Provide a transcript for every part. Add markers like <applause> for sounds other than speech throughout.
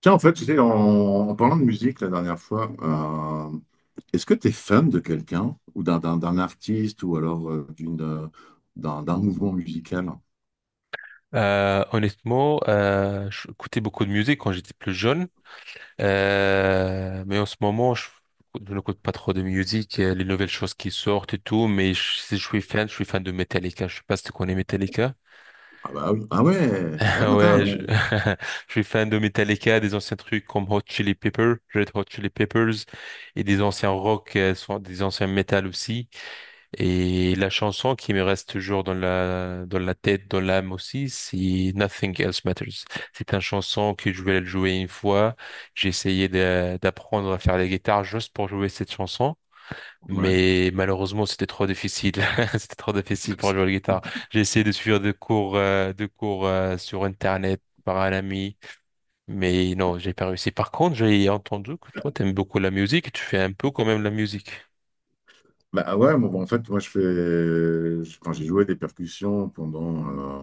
Tiens, en fait, tu sais, en parlant de musique la dernière fois, euh, est-ce que tu es fan de quelqu'un ou d'un artiste ou alors d'une, d'un mouvement musical? Honnêtement, j'écoutais beaucoup de musique quand j'étais plus jeune. Mais en ce moment, je n'écoute pas trop de musique, les nouvelles choses qui sortent et tout, mais si je suis fan, je suis fan de Metallica. Je sais pas si tu connais Metallica. Ah bah oui. Ah ouais. Ah, <laughs> Ouais, je, attends. <laughs> je suis fan de Metallica, des anciens trucs comme Red Hot Chili Peppers, et des anciens rock, des anciens metal aussi. Et la chanson qui me reste toujours dans la tête, dans l'âme aussi, c'est Nothing Else Matters. C'est une chanson que je voulais le jouer une fois. J'ai essayé d'apprendre à faire la guitare juste pour jouer cette chanson. Ouais. Mais malheureusement, c'était trop difficile. <laughs> C'était trop difficile pour jouer la guitare. J'ai essayé de suivre des cours, sur Internet par un ami. Mais non, j'ai pas réussi. Par contre, j'ai entendu que toi, t'aimes beaucoup la musique. Tu fais un peu quand même la musique. Bah ouais, bon, bah, en fait, moi je fais, je- quand j'ai joué des percussions pendant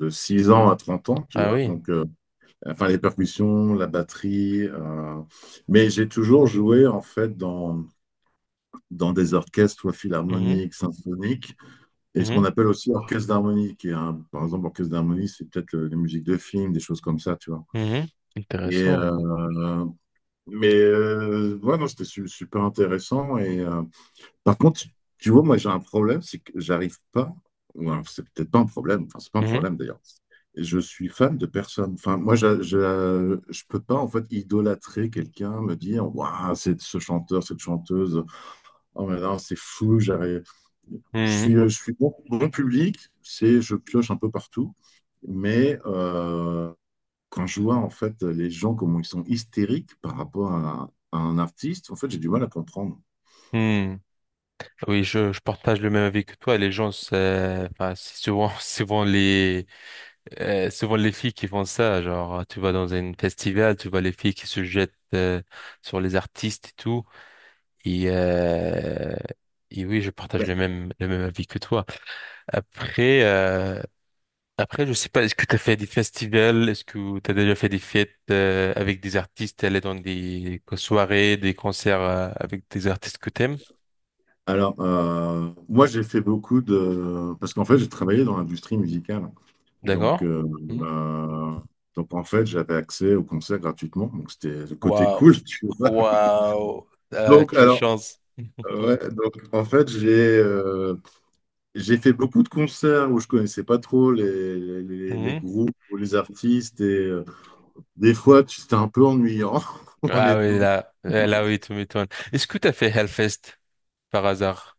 de 6 ans à 30 ans, tu Ah vois. oui. Donc, enfin, les percussions, la batterie. Mais j'ai toujours joué, en fait, dans des orchestres, soit Mhm. philharmoniques, symphoniques, et ce qu'on Mhm. appelle aussi orchestre d'harmonie, par exemple, orchestre d'harmonie, c'est peut-être les musiques de films, des choses comme ça, tu vois. Mhm. Et, Intéressant. euh, ouais, non, c'était super intéressant. Par contre, tu vois, moi j'ai un problème, c'est que j'arrive pas, ou alors c'est peut-être pas un problème, enfin c'est pas un Mhm. problème d'ailleurs. Je suis fan de personne. Enfin, moi, je peux pas en fait idolâtrer quelqu'un, me dire, waouh, c'est ce chanteur, cette chanteuse. Oh mais non, c'est fou, j'arrive. Mhm. Je suis bon, bon public, c'est je pioche un peu partout, mais quand je vois en fait les gens comment ils sont hystériques par rapport à un artiste, en fait j'ai du mal à comprendre. Mhm. Oui, je partage le même avis que toi. Les gens, c'est enfin, c'est souvent, <laughs> souvent les, filles qui font ça. Genre, tu vas dans un festival, tu vois les filles qui se jettent sur les artistes et tout. Et, euh, et oui, je partage le même avis que toi. Après, euh, Après, je sais pas, est-ce que tu as fait des festivals? Est-ce que tu as déjà fait des fêtes avec des artistes, aller dans des soirées, des concerts avec des artistes que t'aimes? Alors, moi, j'ai fait beaucoup de… Parce qu'en fait, j'ai travaillé dans l'industrie musicale. D'accord? Donc, euh, Mhm. euh, donc en fait, j'avais accès aux concerts gratuitement. Donc, c'était le côté Waouh. cool, <laughs> tu vois. Waouh. Donc, Quelle alors, chance. ouais, donc, en fait, j'ai fait beaucoup de concerts où je connaissais pas trop les Mhm. groupes ou les artistes. Et des fois, c'était un peu ennuyant, <laughs> Ah oui, honnêtement. là oui, tu m'étonnes. Est-ce que tu as fait Hellfest par hasard?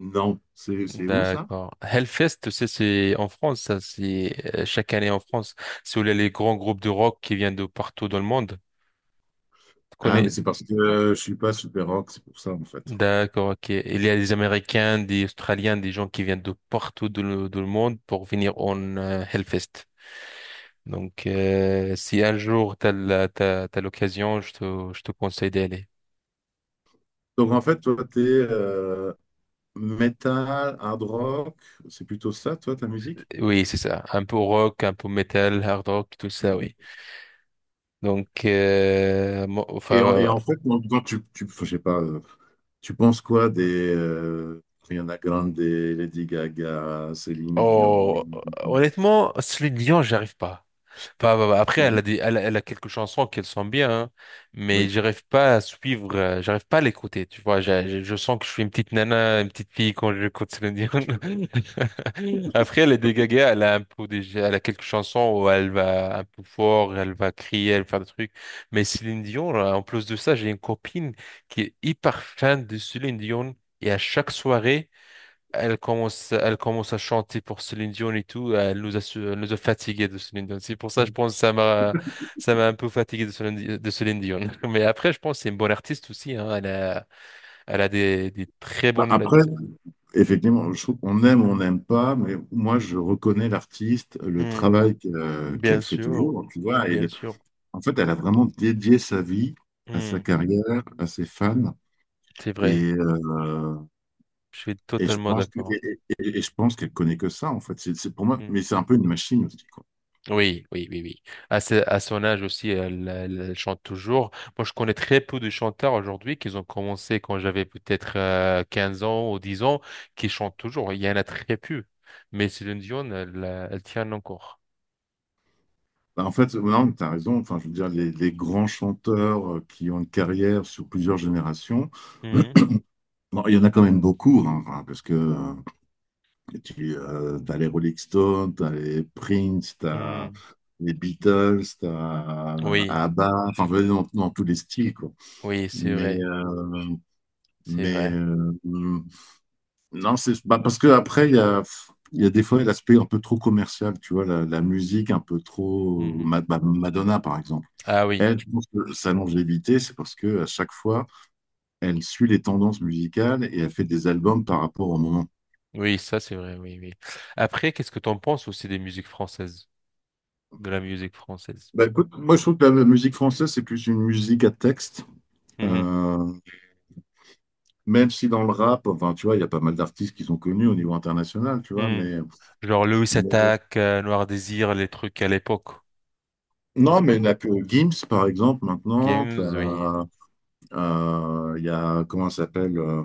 Non, c'est où ça? D'accord. Hellfest, tu sais, c'est en France, ça, c'est chaque année en France. C'est où il y a les grands groupes de rock qui viennent de partout dans le monde. Tu Ah, mais connais. c'est parce que je suis pas super rock, c'est pour ça, en fait. D'accord, ok. Il y a des Américains, des Australiens, des gens qui viennent de partout dans le monde pour venir en Hellfest. Donc, si un jour t'as t'as l'occasion, je te conseille d'aller. Donc en fait, toi, t'es metal, hard rock, c'est plutôt ça, toi, ta musique? Oui, c'est ça. Un peu rock, un peu metal, hard rock, tout ça, oui. Donc, enfin, Et en fait, je sais pas, tu penses quoi des Rihanna Grande, Lady Gaga, Céline Dion? oh, honnêtement, celui de Lyon, j'arrive pas. Bah, après, Oui. Elle a quelques chansons qu'elle sent bien, hein, mais j'arrive pas à suivre, j'arrive pas à l'écouter, tu vois. Je sens que je suis une petite nana, une petite fille quand j'écoute Céline Dion. Oui. <laughs> Après, elle est dégagée, elle a un peu des, elle a quelques chansons où elle va un peu fort, elle va crier, elle va faire des trucs. Mais Céline Dion, là, en plus de ça, j'ai une copine qui est hyper fan de Céline Dion, et à chaque soirée, elle commence à chanter pour Céline Dion et tout. Elle nous a fatigués de Céline Dion. C'est pour ça, je pense, que ça m'a un peu fatigué de Céline Dion. <laughs> Mais après, je pense que c'est une bonne artiste aussi, hein. Elle a des très Bah, bonnes. après, effectivement, je trouve qu'on aime ou on n'aime pas, mais moi, je reconnais l'artiste, le Hmm, travail qu'elle bien fait sûr, toujours, tu vois. Et, bien sûr. en fait, elle a vraiment dédié sa vie à sa Hmm, carrière, à ses fans. c'est vrai. Et, euh, Je suis Et je totalement pense que, d'accord. et, et- et- et je pense qu'elle connaît que ça, en fait. C'est pour moi, Hmm. mais c'est un peu une machine aussi, quoi. Oui, oui, oui, oui. À son âge aussi, elle chante toujours. Moi, je connais très peu de chanteurs aujourd'hui qui ont commencé quand j'avais peut-être 15 ans ou 10 ans, qui chantent toujours. Il y en a très peu. Mais Céline Dion, elle tient encore. Bah, en fait, non, tu as raison. Enfin, je veux dire, les grands chanteurs qui ont une carrière sur plusieurs générations, <clears throat> Mhm. bon, il y en a quand même beaucoup, hein, enfin, parce que tu as les Rolling Stones, tu as les Prince, tu as Mhm. les Beatles, tu as Oui, ABBA, enfin, je veux dire, dans tous les styles, quoi. oui, c'est Mais, vrai, euh, c'est mais vrai. euh, non, c'est bah, parce que après, il y a des fois l'aspect un peu trop commercial, tu vois, la musique un peu trop. Mhm. Bah, Madonna, par exemple. Ah oui, Elle, je pense que sa longévité, c'est parce que à chaque fois, elle suit les tendances musicales et elle fait des albums par rapport au moment. oui, ça c'est vrai, oui, oui. Après, qu'est-ce que t'en penses aussi des musiques françaises, de la musique française? Bah, écoute, moi je trouve que la musique française, c'est plus une musique à texte. Mhm. Euh, Même si dans le rap, enfin, tu vois, il y a pas mal d'artistes qui sont connus au niveau international, tu vois, Mhm. mais, Genre Louis mais- Attaque, Noir Désir, les trucs à l'époque. non, mais il n'y a que Gims, par exemple, maintenant. Games, oui. Il y a, comment ça s'appelle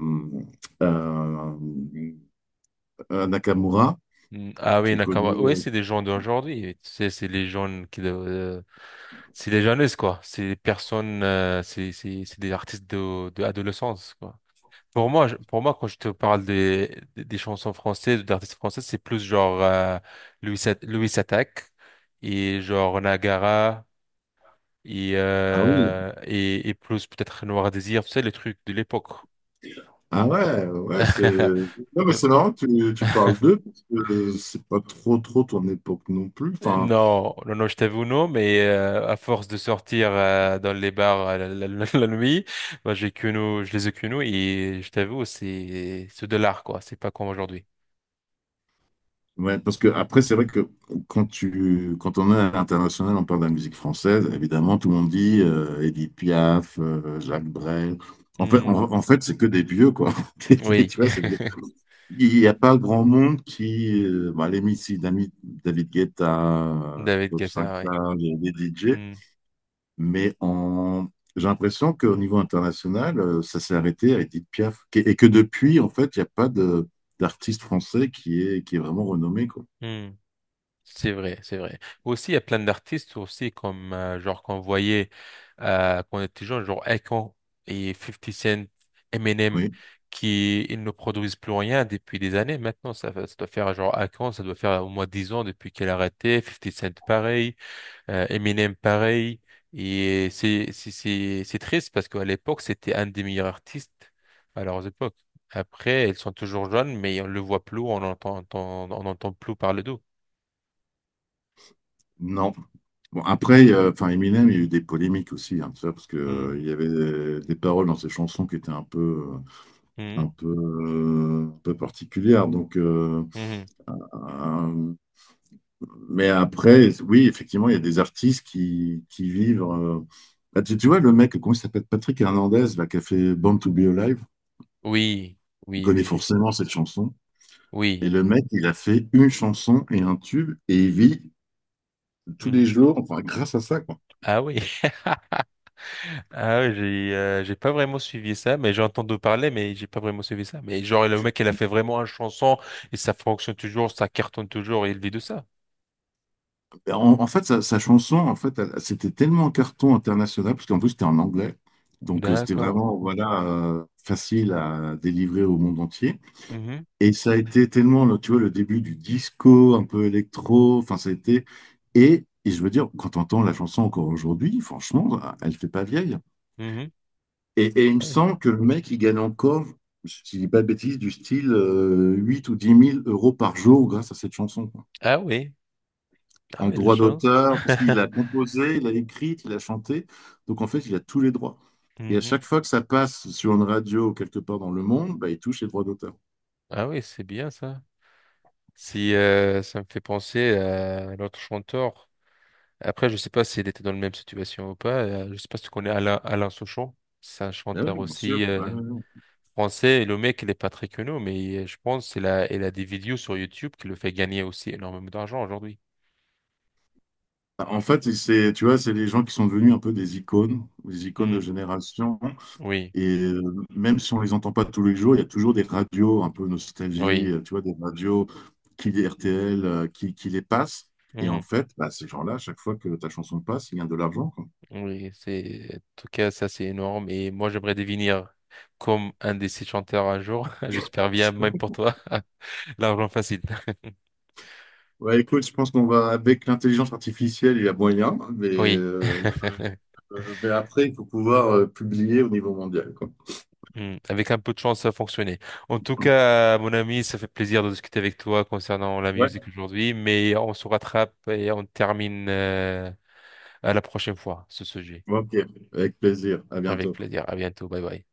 euh, Nakamura, Mm, ah oui, qui est Nakama. connu. Oui, c'est des gens d'aujourd'hui. Tu sais, c'est les jeunes qui doivent, c'est les jeunes, quoi. C'est des personnes, c'est des artistes de adolescence, quoi. Pour moi, pour moi, quand je te parle des chansons françaises, d'artistes français, c'est plus genre, Louis Attaque et genre Nagara et, Ah oui, euh, et, et plus peut-être Noir Désir, tu sais, les trucs de l'époque. ah ouais, ouais, c'est. <laughs> Non, mais c'est marrant, que tu parles d'eux, parce que c'est pas trop ton époque non plus. Enfin, Non, non, non, je t'avoue non, mais à force de sortir dans les bars <laughs> la nuit, bah, j'ai que nous, je les ai que nous et je t'avoue, c'est ce dollar quoi, c'est pas comme aujourd'hui. ouais, parce que après, c'est vrai que quand on est à l'international, on parle de la musique française, évidemment, tout le monde dit Édith Piaf, Jacques Brel. En fait, Hmm, en, en fait, c'est que des vieux, quoi. <laughs> Tu oui, vois, il n'y a pas grand monde qui, bon, les Missy, David <laughs> Guetta, David Bob Guetta, oui. Sinclair, les DJ, Hmm, mais en, j'ai l'impression qu'au niveau international, ça s'est arrêté à Édith Piaf, et que depuis, en fait, il n'y a pas de d'artiste français qui est vraiment renommé, quoi. hmm. C'est vrai, c'est vrai. Aussi, il y a plein d'artistes aussi, comme genre qu'on voyait quand on était jeune, genre Akon et Fifty Cent, Eminem, Oui. qui ils ne produisent plus rien depuis des années. Maintenant, ça doit faire genre Akon, ça doit faire au moins 10 ans depuis qu'elle a arrêté. Fifty Cent, pareil. Eminem, pareil. Et c'est triste parce qu'à l'époque, c'était un des meilleurs artistes à leurs époques. Après, ils sont toujours jeunes, mais on le voit plus, on entend plus parler d'eux. Non. Bon, après, Eminem, il y a eu des polémiques aussi, hein, tu vois, parce que, Hmm. Il y avait des paroles dans ses chansons qui étaient un peu, Mhm, un peu particulières. Donc, mhm, euh, mais après, oui, effectivement, il y a des artistes qui vivent. Bah, tu vois, le mec, comment il s'appelle? Patrick Hernandez, là, qui a fait Born to Be Alive, oui, il oui, connaît oui, oui. forcément cette chanson. Et Oui. le mec, il a fait une chanson et un tube, et il vit tous les Mhm. jours, enfin, grâce à ça. Ah oui. <laughs> Ah oui, j'ai pas vraiment suivi ça, mais j'ai entendu parler, mais j'ai pas vraiment suivi ça. Mais genre, le mec, il a fait vraiment un chanson et ça fonctionne toujours, ça cartonne toujours et il vit de ça. Sa chanson, en fait, c'était tellement un carton international, parce qu'en plus, c'était en anglais. Donc, c'était D'accord. vraiment, voilà, facile à délivrer au monde entier. Mhm, Et ça a été tellement, tu vois, le début du disco, un peu électro. Enfin, ça a été… et je veux dire, quand on entend la chanson encore aujourd'hui, franchement, elle fait pas vieille. mhm, Et il me ouais. semble que le mec, il gagne encore, si je dis pas de bêtises, du style 8 ou 10 000 euros par jour grâce à cette chanson. Ah oui. Ah En oui, la droit chance. d'auteur, parce qu'il a <laughs> composé, il a écrit, il a chanté. Donc en fait, il a tous les droits. Et à Mhm. chaque fois que ça passe sur une radio ou quelque part dans le monde, bah, il touche les droits d'auteur. Ah oui, c'est bien ça. Si ça me fait penser à l'autre chanteur. Après, je sais pas s'il était dans la même situation ou pas. Je sais pas si tu connais Alain Souchon. C'est un Ah chanteur oui, bien sûr. aussi Ouais, ouais, ouais. français. Et le mec, il est pas très connu, mais je pense qu'il a des vidéos sur YouTube qui le fait gagner aussi énormément d'argent aujourd'hui. Bah, en fait, c'est, tu vois, c'est des gens qui sont devenus un peu des icônes de Hmm. génération. Oui, Et même si on les entend pas tous les jours, il y a toujours des radios un peu nostalgie, oui, tu vois, des radios qui les RTL, qui les passent. Et hmm. en fait, bah, ces gens-là, à chaque fois que ta chanson passe, ils gagnent de l'argent, quoi. Oui. En tout cas, ça, c'est énorme. Et moi, j'aimerais devenir comme un de ces chanteurs un jour. <laughs> J'espère bien, même pour toi. <laughs> L'argent facile. Ouais, écoute, je pense qu'on va avec l'intelligence artificielle, il y a moyen, mais, Oui. <laughs> Après, il faut pouvoir publier au niveau mondial, quoi. Hmm. Avec un peu de chance, ça a fonctionné. En tout cas, mon ami, ça fait plaisir de discuter avec toi concernant la musique Ouais. aujourd'hui, mais on se rattrape et on termine à la prochaine fois ce sujet. Ok, avec plaisir. À Avec bientôt. plaisir. À bientôt. Bye bye.